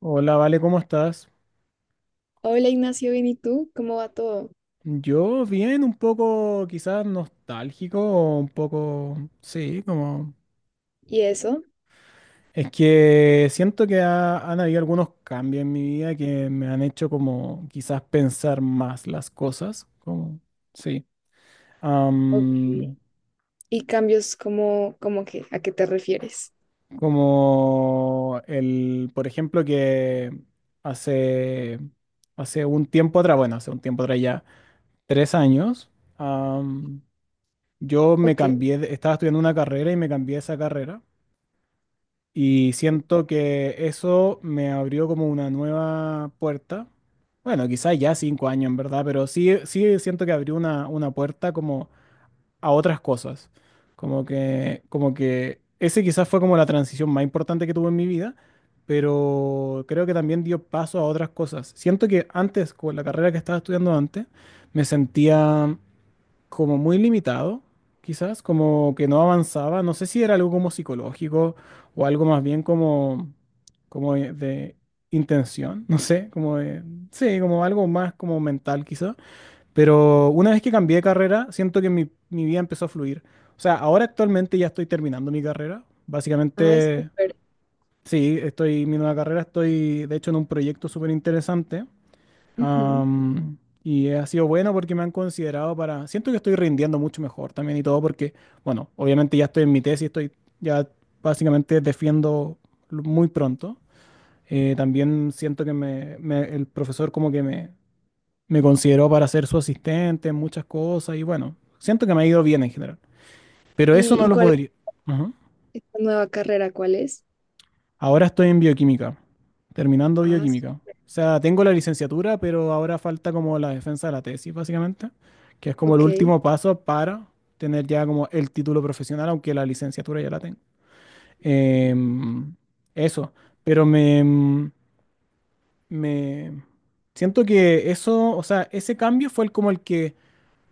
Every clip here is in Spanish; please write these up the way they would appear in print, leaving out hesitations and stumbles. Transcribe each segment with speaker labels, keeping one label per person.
Speaker 1: Hola, Vale, ¿cómo estás?
Speaker 2: Hola Ignacio, bien, ¿y tú? ¿Cómo va todo?
Speaker 1: Yo bien, un poco quizás nostálgico, o un poco, sí, como...
Speaker 2: ¿Y eso?
Speaker 1: Es que siento que han habido algunos cambios en mi vida que me han hecho como quizás pensar más las cosas, como, sí.
Speaker 2: Ok.
Speaker 1: Am,
Speaker 2: ¿Y cambios como, a qué te refieres?
Speaker 1: Como el, por ejemplo, que hace, hace un tiempo atrás, bueno, hace un tiempo atrás ya, 3 años. Yo me
Speaker 2: Ok.
Speaker 1: cambié, estaba estudiando una carrera y me cambié a esa carrera y siento que eso me abrió como una nueva puerta. Bueno, quizás ya 5 años en verdad, pero sí, sí siento que abrió una puerta como a otras cosas. Como que ese quizás fue como la transición más importante que tuve en mi vida, pero creo que también dio paso a otras cosas. Siento que antes, con la carrera que estaba estudiando antes, me sentía como muy limitado, quizás, como que no avanzaba. No sé si era algo como psicológico o algo más bien como, como de intención, no sé, como de, sí, como algo más como mental quizás. Pero una vez que cambié de carrera, siento que mi vida empezó a fluir. O sea, ahora actualmente ya estoy terminando mi carrera.
Speaker 2: Ay,
Speaker 1: Básicamente,
Speaker 2: súper.
Speaker 1: sí, estoy, mi nueva carrera, estoy de hecho en un proyecto súper interesante.
Speaker 2: Ujú.
Speaker 1: Am, y ha sido bueno porque me han considerado para... Siento que estoy rindiendo mucho mejor también y todo porque, bueno, obviamente ya estoy en mi tesis, estoy ya básicamente defiendo muy pronto. También siento que el profesor como que me consideró para ser su asistente en muchas cosas y bueno, siento que me ha ido bien en general. Pero eso
Speaker 2: ¿Y,
Speaker 1: no
Speaker 2: y
Speaker 1: lo
Speaker 2: cuál es
Speaker 1: podría... Ujú.
Speaker 2: esta nueva carrera? ¿Cuál es?
Speaker 1: Ahora estoy en bioquímica, terminando
Speaker 2: Ah, s-
Speaker 1: bioquímica. O sea, tengo la licenciatura, pero ahora falta como la defensa de la tesis, básicamente, que es como el
Speaker 2: ok.
Speaker 1: último paso para tener ya como el título profesional, aunque la licenciatura ya la tengo. Em, eso, pero me siento que eso, o sea, ese cambio fue el como el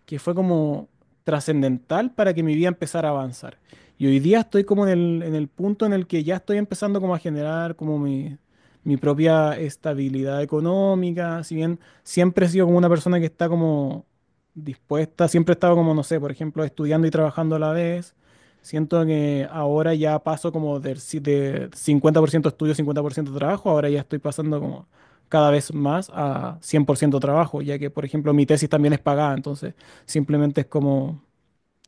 Speaker 1: que fue como trascendental para que mi vida empezara a avanzar. Y hoy día estoy como en en el punto en el que ya estoy empezando como a generar como mi propia estabilidad económica, si bien siempre he sido como una persona que está como dispuesta, siempre he estado como, no sé, por ejemplo, estudiando y trabajando a la vez. Siento que ahora ya paso como del si- de 50% estudio, 50% trabajo, ahora ya estoy pasando como cada vez más a 100% trabajo, ya que, por ejemplo, mi tesis también es pagada, entonces simplemente es como,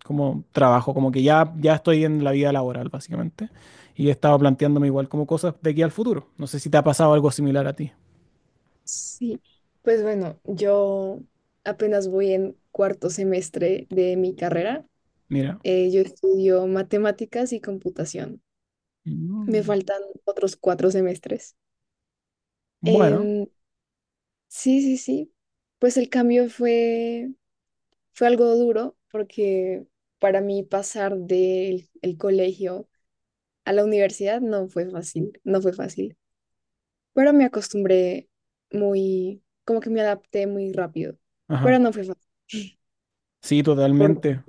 Speaker 1: como trabajo, como que ya estoy en la vida laboral, básicamente. Y he estado planteándome igual como cosas de aquí al futuro. No sé si te ha pasado algo similar a ti.
Speaker 2: Sí. Pues bueno, yo apenas voy en 4.º semestre de mi carrera.
Speaker 1: Mira.
Speaker 2: Yo estudio matemáticas y computación. Me
Speaker 1: Mm.
Speaker 2: faltan otros 4 semestres.
Speaker 1: Bueno,
Speaker 2: Em, sí, sí, sí. Pues el cambio fue, fue algo duro porque para mí pasar del el colegio a la universidad no fue fácil, no fue fácil, pero me acostumbré muy, como que me adapté muy rápido, pero
Speaker 1: ajá.
Speaker 2: no fue fácil.
Speaker 1: Sí,
Speaker 2: Porque,
Speaker 1: totalmente.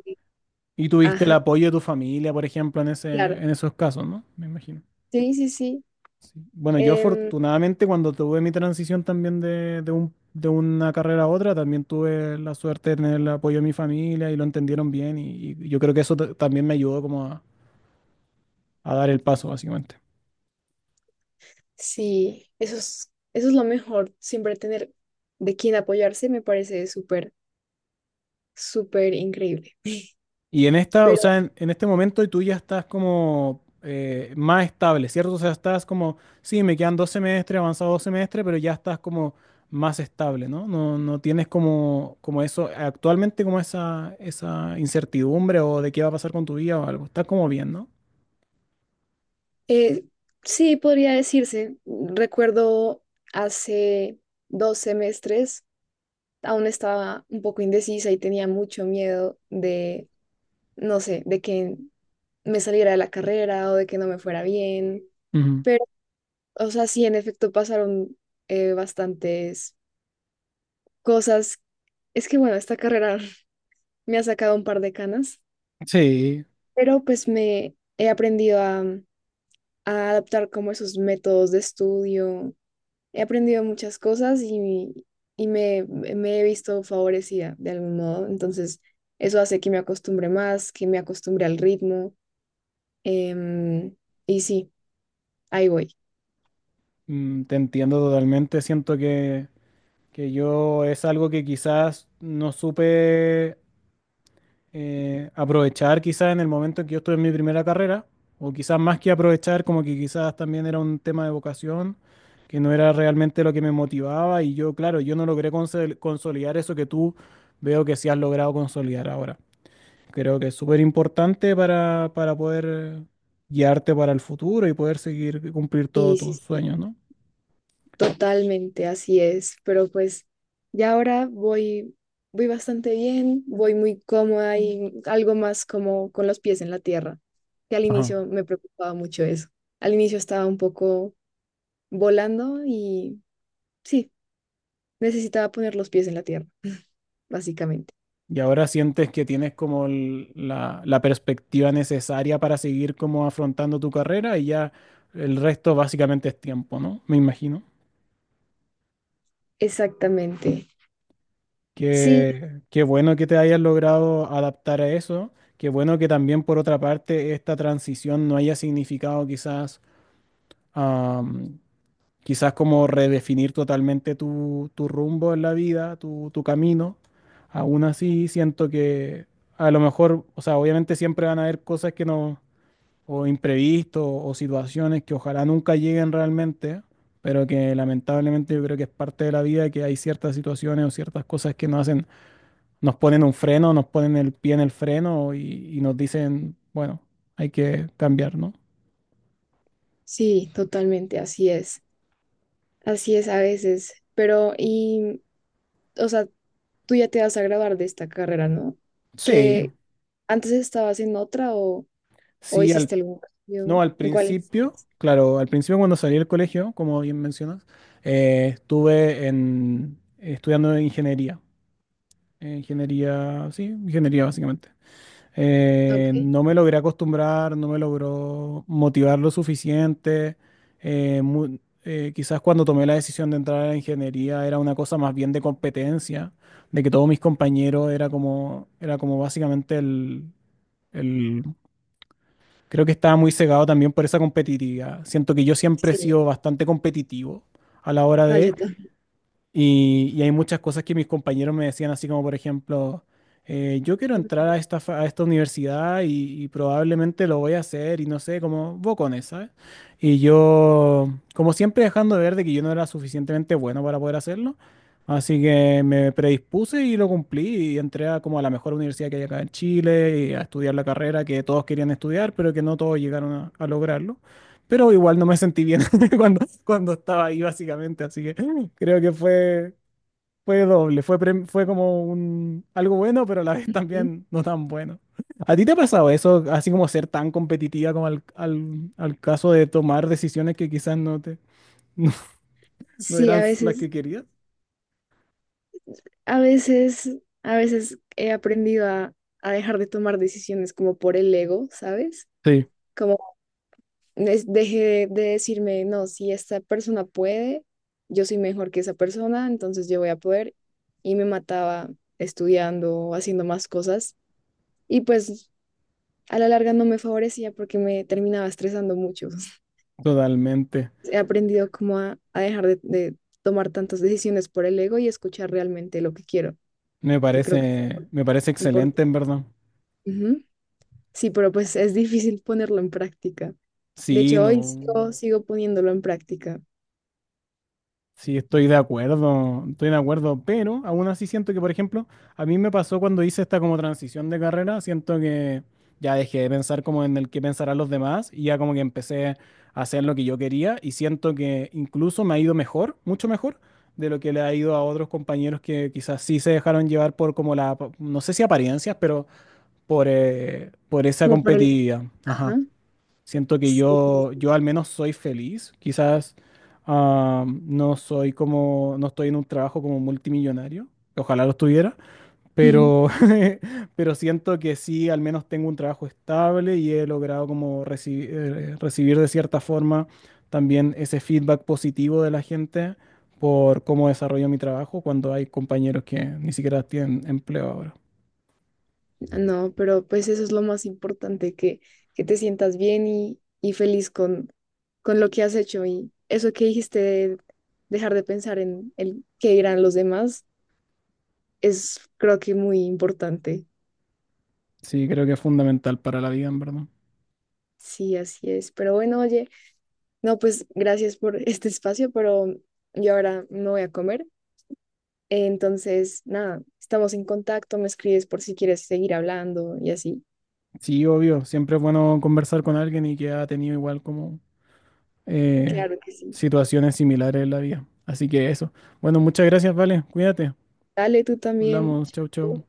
Speaker 1: Y tuviste el
Speaker 2: ajá,
Speaker 1: apoyo de tu familia, por ejemplo, en
Speaker 2: claro,
Speaker 1: en esos casos, ¿no? Me imagino.
Speaker 2: sí, sí, sí.
Speaker 1: Sí. Bueno, yo
Speaker 2: Em,
Speaker 1: afortunadamente cuando tuve mi transición también de una carrera a otra, también tuve la suerte de tener el apoyo de mi familia y lo entendieron bien y yo creo que eso también me ayudó como a dar el paso, básicamente.
Speaker 2: sí, eso es lo mejor, siempre tener de quién apoyarse me parece súper, súper increíble.
Speaker 1: Y en esta, o
Speaker 2: Pero
Speaker 1: sea, en este momento tú ya estás como más estable, ¿cierto? O sea, estás como, sí, me quedan 2 semestres, avanzado 2 semestres, pero ya estás como más estable, ¿no? No, no tienes como, como eso, actualmente como esa incertidumbre o de qué va a pasar con tu vida o algo. Estás como bien, ¿no?
Speaker 2: Eh, sí, podría decirse. Recuerdo hace 2 semestres, aún estaba un poco indecisa y tenía mucho miedo de, no sé, de que me saliera de la carrera o de que no me fuera bien.
Speaker 1: Ujú.
Speaker 2: Pero, o sea, sí, en efecto pasaron, bastantes cosas. Es que, bueno, esta carrera me ha sacado un par de canas,
Speaker 1: Sí,
Speaker 2: pero pues me he aprendido a adaptar como esos métodos de estudio. He aprendido muchas cosas y, y me he visto favorecida de algún modo. Entonces, eso hace que me acostumbre más, que me acostumbre al ritmo. em, y sí, ahí voy.
Speaker 1: mm, te entiendo totalmente. Siento que yo es algo que quizás no supe aprovechar quizás en el momento en que yo estuve en mi primera carrera, o quizás más que aprovechar, como que quizás también era un tema de vocación, que no era realmente lo que me motivaba y yo, claro, yo no logré consolidar eso que tú veo que sí has logrado consolidar ahora. Creo que es súper importante para poder guiarte para el futuro y poder seguir cumplir todos
Speaker 2: Y sí,
Speaker 1: tus
Speaker 2: sí,
Speaker 1: sueños, ¿no?
Speaker 2: totalmente así es. Pero pues ya ahora voy, voy bastante bien, voy muy cómoda y algo más como con los pies en la tierra, que al
Speaker 1: Ajá.
Speaker 2: inicio me preocupaba mucho eso. Al inicio estaba un poco volando y sí, necesitaba poner los pies en la tierra. Básicamente.
Speaker 1: Y ahora sientes que tienes como la perspectiva necesaria para seguir como afrontando tu carrera y ya el resto básicamente es tiempo, ¿no? Me imagino.
Speaker 2: Exactamente. Sí,
Speaker 1: Qué, qué bueno que te hayas logrado adaptar a eso. Qué bueno que también por otra parte esta transición no haya significado quizás, am, quizás como redefinir totalmente tu rumbo en la vida, tu camino. Aún así siento que a lo mejor, o sea, obviamente siempre van a haber cosas que no o imprevistos o situaciones que ojalá nunca lleguen realmente, pero que lamentablemente yo creo que es parte de la vida que hay ciertas situaciones o ciertas cosas que nos hacen, nos ponen un freno, nos ponen el pie en el freno y nos dicen, bueno, hay que cambiar, ¿no?
Speaker 2: sí, totalmente, así es. Así es a veces. Pero, y, o sea, tú ya te vas a graduar de esta carrera, ¿no?
Speaker 1: Sí,
Speaker 2: Que antes estabas en otra o
Speaker 1: sí,
Speaker 2: hiciste
Speaker 1: al,
Speaker 2: algún
Speaker 1: no,
Speaker 2: cambio.
Speaker 1: al
Speaker 2: ¿En cuál
Speaker 1: principio,
Speaker 2: estás?
Speaker 1: claro, al principio cuando salí del colegio, como bien mencionas, estuve en, estudiando ingeniería, ingeniería, sí, ingeniería básicamente.
Speaker 2: Ok,
Speaker 1: No me logré acostumbrar, no me logró motivar lo suficiente. eh, mu- quizás cuando tomé la decisión de entrar a la ingeniería era una cosa más bien de competencia, de que todos mis compañeros era como básicamente el- creo que estaba muy cegado también por esa competitividad. Siento que yo siempre he
Speaker 2: sí.
Speaker 1: sido bastante competitivo a la hora
Speaker 2: Ah, yo
Speaker 1: de
Speaker 2: también.
Speaker 1: y hay muchas cosas que mis compañeros me decían, así como por ejemplo, yo quiero entrar a a esta universidad y probablemente lo voy a hacer y no sé, como bocones, ¿sabes? Y yo, como siempre, dejando de ver de que yo no era suficientemente bueno para poder hacerlo, así que me predispuse y lo cumplí y entré a como a la mejor universidad que hay acá en Chile y a estudiar la carrera que todos querían estudiar, pero que no todos llegaron a lograrlo. Pero igual no me sentí bien cuando, cuando estaba ahí, básicamente. Así que creo que fue, fue doble. Fue, fue como un, algo bueno, pero a la vez
Speaker 2: Ujú.
Speaker 1: también no tan bueno. ¿A ti te ha pasado eso, así como ser tan competitiva como al caso de tomar decisiones que quizás no te, no, no
Speaker 2: Sí, a
Speaker 1: eran las
Speaker 2: veces,
Speaker 1: que querías?
Speaker 2: a veces, a veces he aprendido a dejar de tomar decisiones como por el ego, ¿sabes?
Speaker 1: Sí,
Speaker 2: Es- deje de decirme, no, si esta persona puede, yo soy mejor que esa persona, entonces yo voy a poder. Y me mataba estudiando, haciendo más cosas. Y pues a la larga no me favorecía porque me terminaba estresando mucho.
Speaker 1: totalmente.
Speaker 2: He aprendido como a, a dejar de tomar tantas decisiones por el ego y escuchar realmente lo que quiero, que creo que es
Speaker 1: Me parece
Speaker 2: importante.
Speaker 1: excelente, en verdad.
Speaker 2: Ujú. Sí, pero pues es difícil ponerlo en práctica. De
Speaker 1: Sí,
Speaker 2: hecho, hoy
Speaker 1: no.
Speaker 2: sigo, sigo poniéndolo en práctica.
Speaker 1: Sí, estoy de acuerdo, pero aún así siento que, por ejemplo, a mí me pasó cuando hice esta como transición de carrera, siento que ya dejé de pensar como en el que pensarán los demás y ya como que empecé a hacer lo que yo quería y siento que incluso me ha ido mejor, mucho mejor de lo que le ha ido a otros compañeros que quizás sí se dejaron llevar por como la, no sé si apariencias, pero por esa
Speaker 2: Como para el...
Speaker 1: competitividad. Ajá.
Speaker 2: Ajá.
Speaker 1: Siento que
Speaker 2: Sí.
Speaker 1: yo al menos soy feliz. Quizás no soy como, no estoy en un trabajo como multimillonario. Ojalá lo estuviera,
Speaker 2: Ujú.
Speaker 1: pero, pero siento que sí, al menos tengo un trabajo estable y he logrado como recibir de cierta forma también ese feedback positivo de la gente por cómo desarrollo mi trabajo cuando hay compañeros que ni siquiera tienen empleo ahora.
Speaker 2: No, pero pues eso es lo más importante, que te sientas bien y feliz con lo que has hecho. Y eso que dijiste de dejar de pensar en el qué dirán los demás es creo que muy importante.
Speaker 1: Sí, creo que es fundamental para la vida, en verdad.
Speaker 2: Sí, así es. Pero bueno, oye, no, pues gracias por este espacio, pero yo ahora me voy a comer. Entonces, nada, estamos en contacto, me escribes por si quieres seguir hablando y así.
Speaker 1: Sí, obvio, siempre es bueno conversar con alguien y que ha tenido igual como eh,
Speaker 2: Claro que sí.
Speaker 1: situaciones similares en la vida. Así que eso. Bueno, muchas gracias, vale. Cuídate.
Speaker 2: Dale, tú también.
Speaker 1: Hablamos. Chau, chau.
Speaker 2: Chao.